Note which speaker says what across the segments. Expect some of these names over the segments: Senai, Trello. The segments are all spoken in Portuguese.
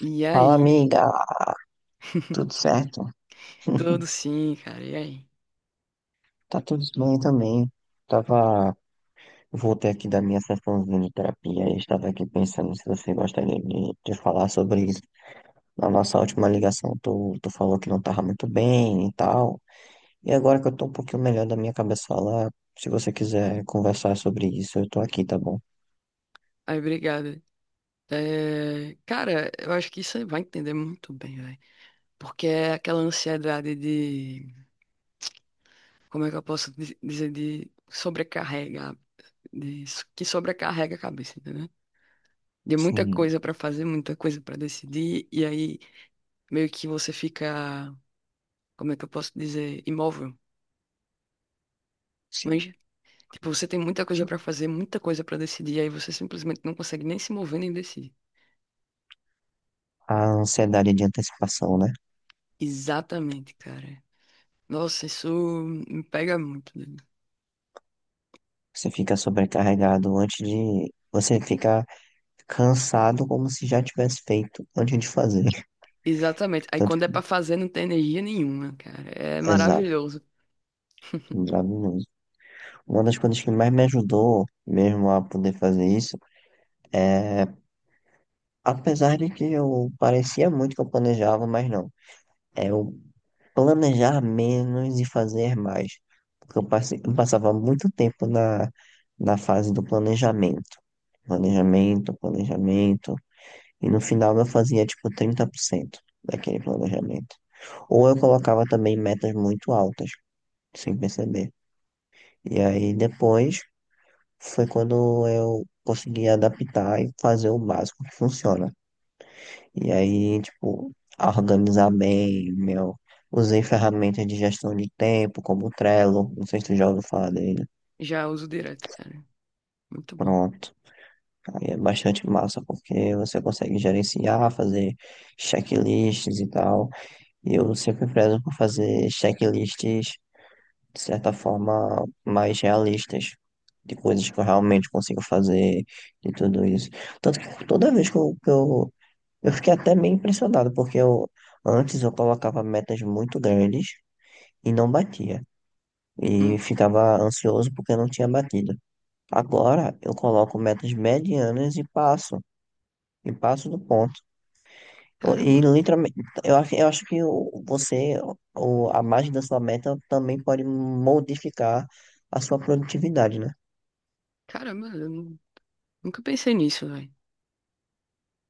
Speaker 1: E
Speaker 2: Fala,
Speaker 1: aí?
Speaker 2: amiga. Tudo certo?
Speaker 1: Tudo sim, cara. E aí?
Speaker 2: Tá tudo bem também. Tava... Voltei aqui da minha sessãozinha de terapia e estava aqui pensando se você gostaria de falar sobre isso. Na nossa última ligação, tu falou que não tava muito bem e tal. E agora que eu tô um pouquinho melhor da minha cabeça lá, se você quiser conversar sobre isso, eu tô aqui, tá bom?
Speaker 1: Aí, obrigado. É, cara, eu acho que você vai entender muito bem, velho. Porque é aquela ansiedade de, como é que eu posso dizer, de sobrecarregar, que sobrecarrega a cabeça, entendeu? De muita
Speaker 2: Sim,
Speaker 1: coisa pra fazer, muita coisa pra decidir, e aí meio que você fica, como é que eu posso dizer, imóvel.
Speaker 2: sim,
Speaker 1: Mas, tipo, você tem muita coisa
Speaker 2: sim.
Speaker 1: pra fazer, muita coisa pra decidir, e aí você simplesmente não consegue nem se mover nem decidir.
Speaker 2: A ansiedade de antecipação, né?
Speaker 1: Exatamente, cara. Nossa, isso me pega muito, né?
Speaker 2: Você fica sobrecarregado antes de... Você fica cansado como se já tivesse feito antes de fazer.
Speaker 1: Exatamente. Aí
Speaker 2: Tanto
Speaker 1: quando é
Speaker 2: que,
Speaker 1: pra fazer, não tem energia nenhuma, cara. É
Speaker 2: exato,
Speaker 1: maravilhoso.
Speaker 2: exato mesmo. Uma das coisas que mais me ajudou mesmo a poder fazer isso é, apesar de que eu parecia muito que eu planejava, mas não, é eu planejar menos e fazer mais. Porque eu passei, eu passava muito tempo na fase do planejamento. Planejamento, planejamento. E no final eu fazia tipo 30% daquele planejamento. Ou eu colocava também metas muito altas sem perceber. E aí depois foi quando eu consegui adaptar e fazer o básico que funciona. E aí, tipo, organizar bem, meu. Usei ferramentas de gestão de tempo, como o Trello, não sei se tu já ouviu falar dele.
Speaker 1: Já uso direto, cara. Muito bom.
Speaker 2: Pronto. Aí é bastante massa, porque você consegue gerenciar, fazer checklists e tal. E eu sempre prezo por fazer checklists de certa forma mais realistas, de coisas que eu realmente consigo fazer, de tudo isso. Tanto que toda vez eu fiquei até meio impressionado, porque eu, antes eu colocava metas muito grandes e não batia. E
Speaker 1: Hum.
Speaker 2: ficava ansioso porque não tinha batido. Agora eu coloco metas medianas e passo. E passo do ponto. E
Speaker 1: Caramba.
Speaker 2: literalmente, eu acho que a margem da sua meta também pode modificar a sua produtividade, né?
Speaker 1: Caramba, nunca pensei nisso, velho.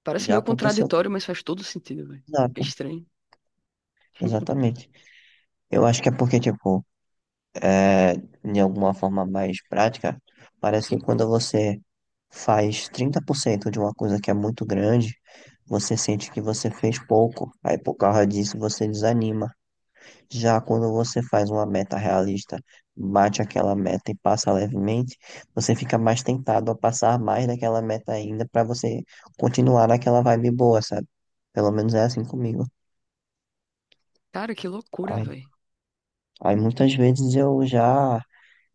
Speaker 1: Parece
Speaker 2: Já
Speaker 1: meio
Speaker 2: aconteceu com
Speaker 1: contraditório, mas faz todo sentido, velho.
Speaker 2: Exato,
Speaker 1: Estranho.
Speaker 2: exatamente. Eu acho que é porque, tipo, é, de alguma forma mais prática, parece que quando você faz 30% de uma coisa que é muito grande, você sente que você fez pouco. Aí, por causa disso, você desanima. Já quando você faz uma meta realista, bate aquela meta e passa levemente, você fica mais tentado a passar mais daquela meta ainda para você continuar naquela vibe boa, sabe? Pelo menos é assim comigo.
Speaker 1: Cara, que loucura, velho.
Speaker 2: Aí muitas vezes eu já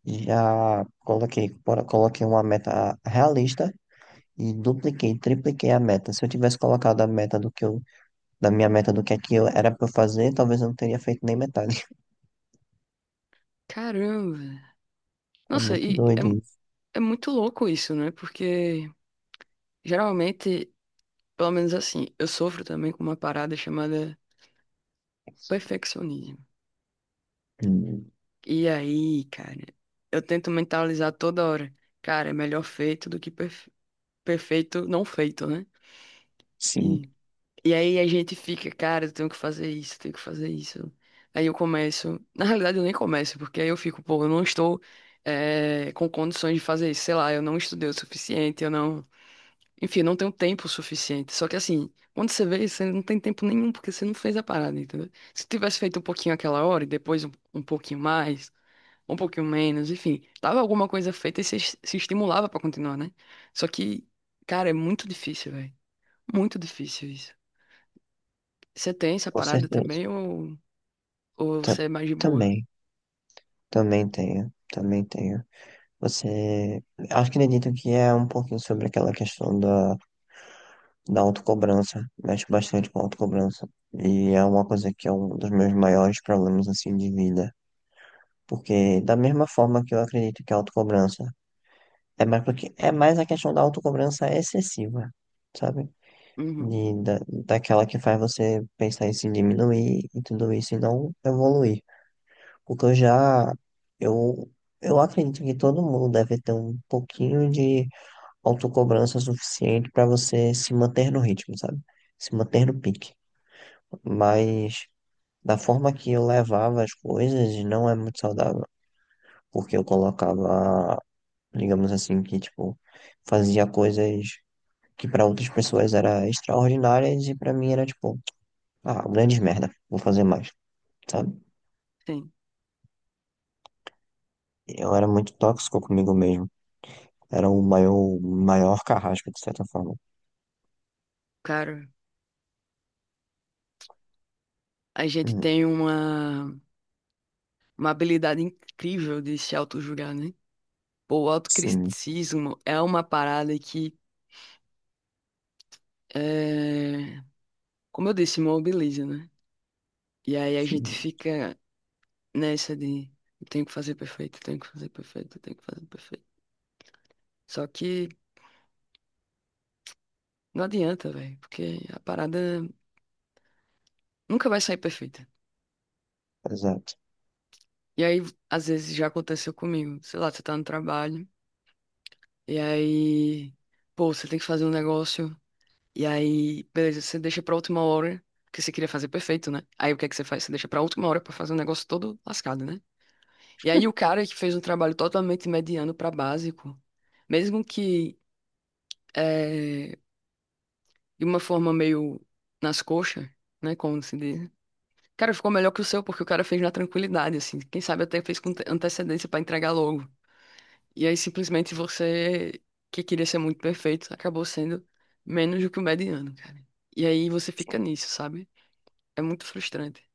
Speaker 2: coloquei uma meta realista e dupliquei, tripliquei a meta. Se eu tivesse colocado a meta do que eu, da minha meta do que é que eu era para fazer, talvez eu não teria feito nem metade.
Speaker 1: Caramba.
Speaker 2: É
Speaker 1: Nossa,
Speaker 2: muito doido isso.
Speaker 1: é muito louco isso, né? Porque geralmente, pelo menos assim, eu sofro também com uma parada chamada perfeccionismo.
Speaker 2: Hum,
Speaker 1: E aí, cara, eu tento mentalizar toda hora. Cara, é melhor feito do que perfeito não feito, né?
Speaker 2: sim,
Speaker 1: E, e aí a gente fica, cara, eu tenho que fazer isso, eu tenho que fazer isso. Aí eu começo. Na realidade, eu nem começo, porque aí eu fico, pô, eu não estou com condições de fazer isso. Sei lá, eu não estudei o suficiente, eu não. Enfim, eu não tenho tempo suficiente. Só que assim, quando você vê, você não tem tempo nenhum, porque você não fez a parada, entendeu? Se tivesse feito um pouquinho aquela hora e depois um pouquinho mais um pouquinho menos, enfim, tava alguma coisa feita e se estimulava pra continuar, né? Só que, cara, é muito difícil, velho. Muito difícil isso. Você tem essa
Speaker 2: com
Speaker 1: parada
Speaker 2: certeza.
Speaker 1: também ou
Speaker 2: Ta-
Speaker 1: você é mais de boa?
Speaker 2: também, também tenho, também tenho. Você, acredito que é um pouquinho sobre aquela questão da autocobrança, mexe bastante com a autocobrança. E é uma coisa que é um dos meus maiores problemas assim de vida. Porque da mesma forma que eu acredito que a autocobrança é mais porque é mais a questão da autocobrança excessiva, sabe?
Speaker 1: Uhum,
Speaker 2: Daquela que faz você pensar em se diminuir e tudo isso e não evoluir. Porque eu já eu eu acredito que todo mundo deve ter um pouquinho de autocobrança suficiente para você se manter no ritmo, sabe? Se manter no pique. Mas da forma que eu levava as coisas, não é muito saudável. Porque eu colocava, digamos assim, que tipo, fazia coisas que para outras pessoas era extraordinárias e para mim era tipo, ah, grande merda, vou fazer mais, sabe?
Speaker 1: sim.
Speaker 2: Eu era muito tóxico comigo mesmo. Era o maior, maior carrasco, de certa forma.
Speaker 1: Cara, a gente
Speaker 2: Hum,
Speaker 1: tem uma habilidade incrível de se auto-julgar, né? Pô, o
Speaker 2: Sim,
Speaker 1: autocriticismo é uma parada que, é, como eu disse, mobiliza, né? E aí a gente
Speaker 2: sim,
Speaker 1: fica nessa de eu tenho que fazer perfeito, eu tenho que fazer perfeito, eu tenho que fazer perfeito. Só que não adianta, velho, porque a parada nunca vai sair perfeita.
Speaker 2: exato.
Speaker 1: E aí, às vezes, já aconteceu comigo. Sei lá, você tá no trabalho, e aí, pô, você tem que fazer um negócio, e aí, beleza, você deixa pra última hora, porque você queria fazer perfeito, né? Aí o que é que você faz? Você deixa pra última hora pra fazer um negócio todo lascado, né? E aí, o cara que fez um trabalho totalmente mediano pra básico, mesmo que eh, de uma forma meio nas coxas, né? Como se diz. Cara, ficou melhor que o seu, porque o cara fez na tranquilidade, assim. Quem sabe até fez com antecedência pra entregar logo. E aí, simplesmente, você, que queria ser muito perfeito, acabou sendo menos do que o mediano, cara. E aí você fica nisso, sabe? É muito frustrante.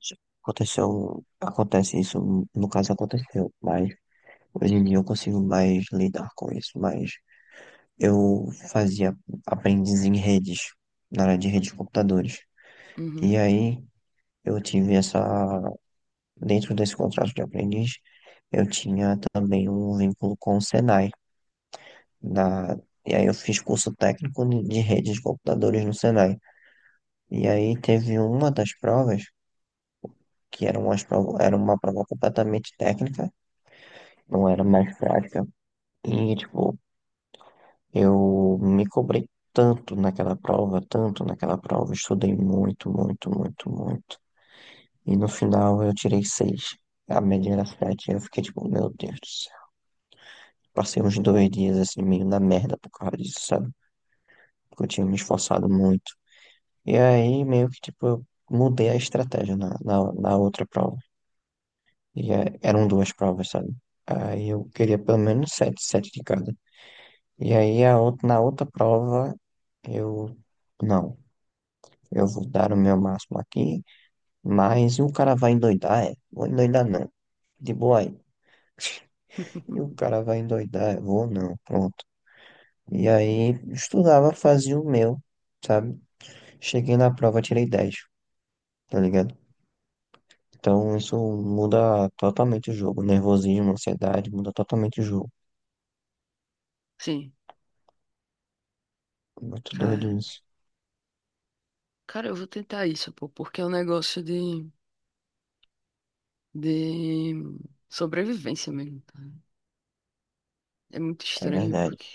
Speaker 2: Já aconteceu, acontece isso, no caso aconteceu, mas hoje em dia eu consigo mais lidar com isso, mas eu fazia aprendiz em redes, na área de redes de computadores. E
Speaker 1: Uhum.
Speaker 2: aí eu tive essa, dentro desse contrato de aprendiz, eu tinha também um vínculo com o Senai. Na, e aí eu fiz curso técnico de redes de computadores no Senai. E aí teve uma das provas, que era, umas prova, era uma prova completamente técnica, não era mais prática. E, tipo, eu me cobrei tanto naquela prova, estudei muito, muito, muito, muito. E no final eu tirei 6. A média era 7. Eu fiquei tipo, meu Deus do céu. Passei uns 2 dias assim, meio na merda por causa disso, sabe? Porque eu tinha me esforçado muito. E aí, meio que tipo, eu mudei a estratégia na outra prova. Eram duas provas, sabe? Aí eu queria pelo menos 7, 7 de cada. E aí a outra, na outra prova, eu. Não. Eu vou dar o meu máximo aqui, mas o cara vai endoidar, é. Vou endoidar não. De boa aí. E o cara vai endoidar, é. Vou não, pronto. E aí, estudava, fazia o meu, sabe? Cheguei na prova, tirei 10, tá ligado? Então, isso muda totalmente o jogo. Nervosismo, ansiedade, muda totalmente o jogo.
Speaker 1: Sim,
Speaker 2: Muito doido
Speaker 1: cara.
Speaker 2: isso.
Speaker 1: Cara, eu vou tentar isso, pô, porque é um negócio de sobrevivência mesmo. Cara. É muito
Speaker 2: É
Speaker 1: estranho,
Speaker 2: verdade.
Speaker 1: porque.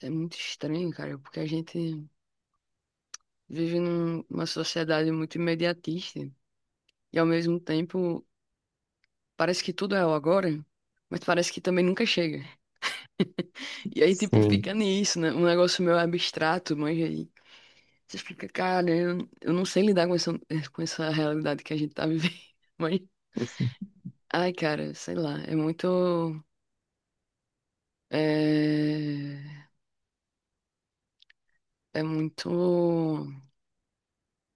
Speaker 1: É muito estranho, cara, porque a gente vive numa sociedade muito imediatista. E ao mesmo tempo, parece que tudo é o agora, mas parece que também nunca chega. E aí, tipo, fica
Speaker 2: Sim.
Speaker 1: nisso, né? Um negócio meio abstrato, mas aí você fica, cara, eu não sei lidar com essa realidade que a gente tá vivendo. Mas, ai, cara, sei lá, é muito. É, é muito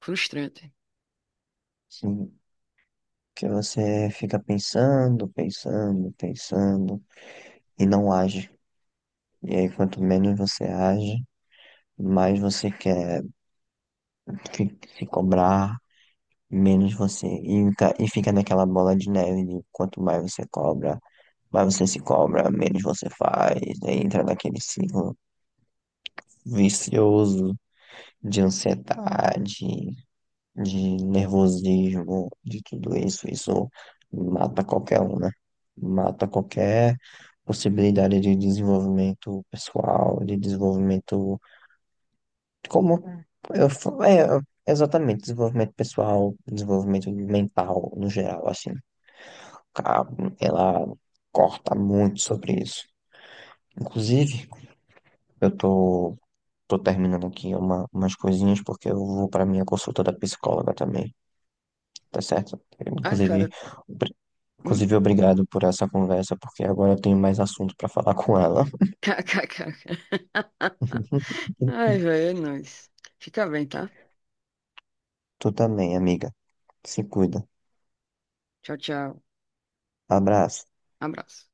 Speaker 1: frustrante.
Speaker 2: Sim. Que você fica pensando, pensando, pensando e não age. E aí, quanto menos você age, mais você quer se cobrar, menos você. E, fica naquela bola de neve de quanto mais você cobra, mais você se cobra, menos você faz. Aí entra naquele ciclo vicioso de ansiedade, de nervosismo, de tudo isso. Isso mata qualquer um, né? Mata qualquer possibilidade de desenvolvimento pessoal, de desenvolvimento. Como eu, fa- é, exatamente, desenvolvimento pessoal, desenvolvimento mental no geral, assim, ca- ela corta muito sobre isso. Inclusive, eu tô, tô terminando aqui umas coisinhas porque eu vou para minha consulta da psicóloga também, tá certo?
Speaker 1: Ai,
Speaker 2: Inclusive,
Speaker 1: cara.
Speaker 2: obri-
Speaker 1: Hum?
Speaker 2: inclusive obrigado por essa conversa, porque agora eu tenho mais assunto para falar com ela.
Speaker 1: Kkk. Ai, velho, é nóis. Fica bem, tá?
Speaker 2: Tu também, amiga. Se cuida.
Speaker 1: Tchau, tchau.
Speaker 2: Abraço.
Speaker 1: Abraço.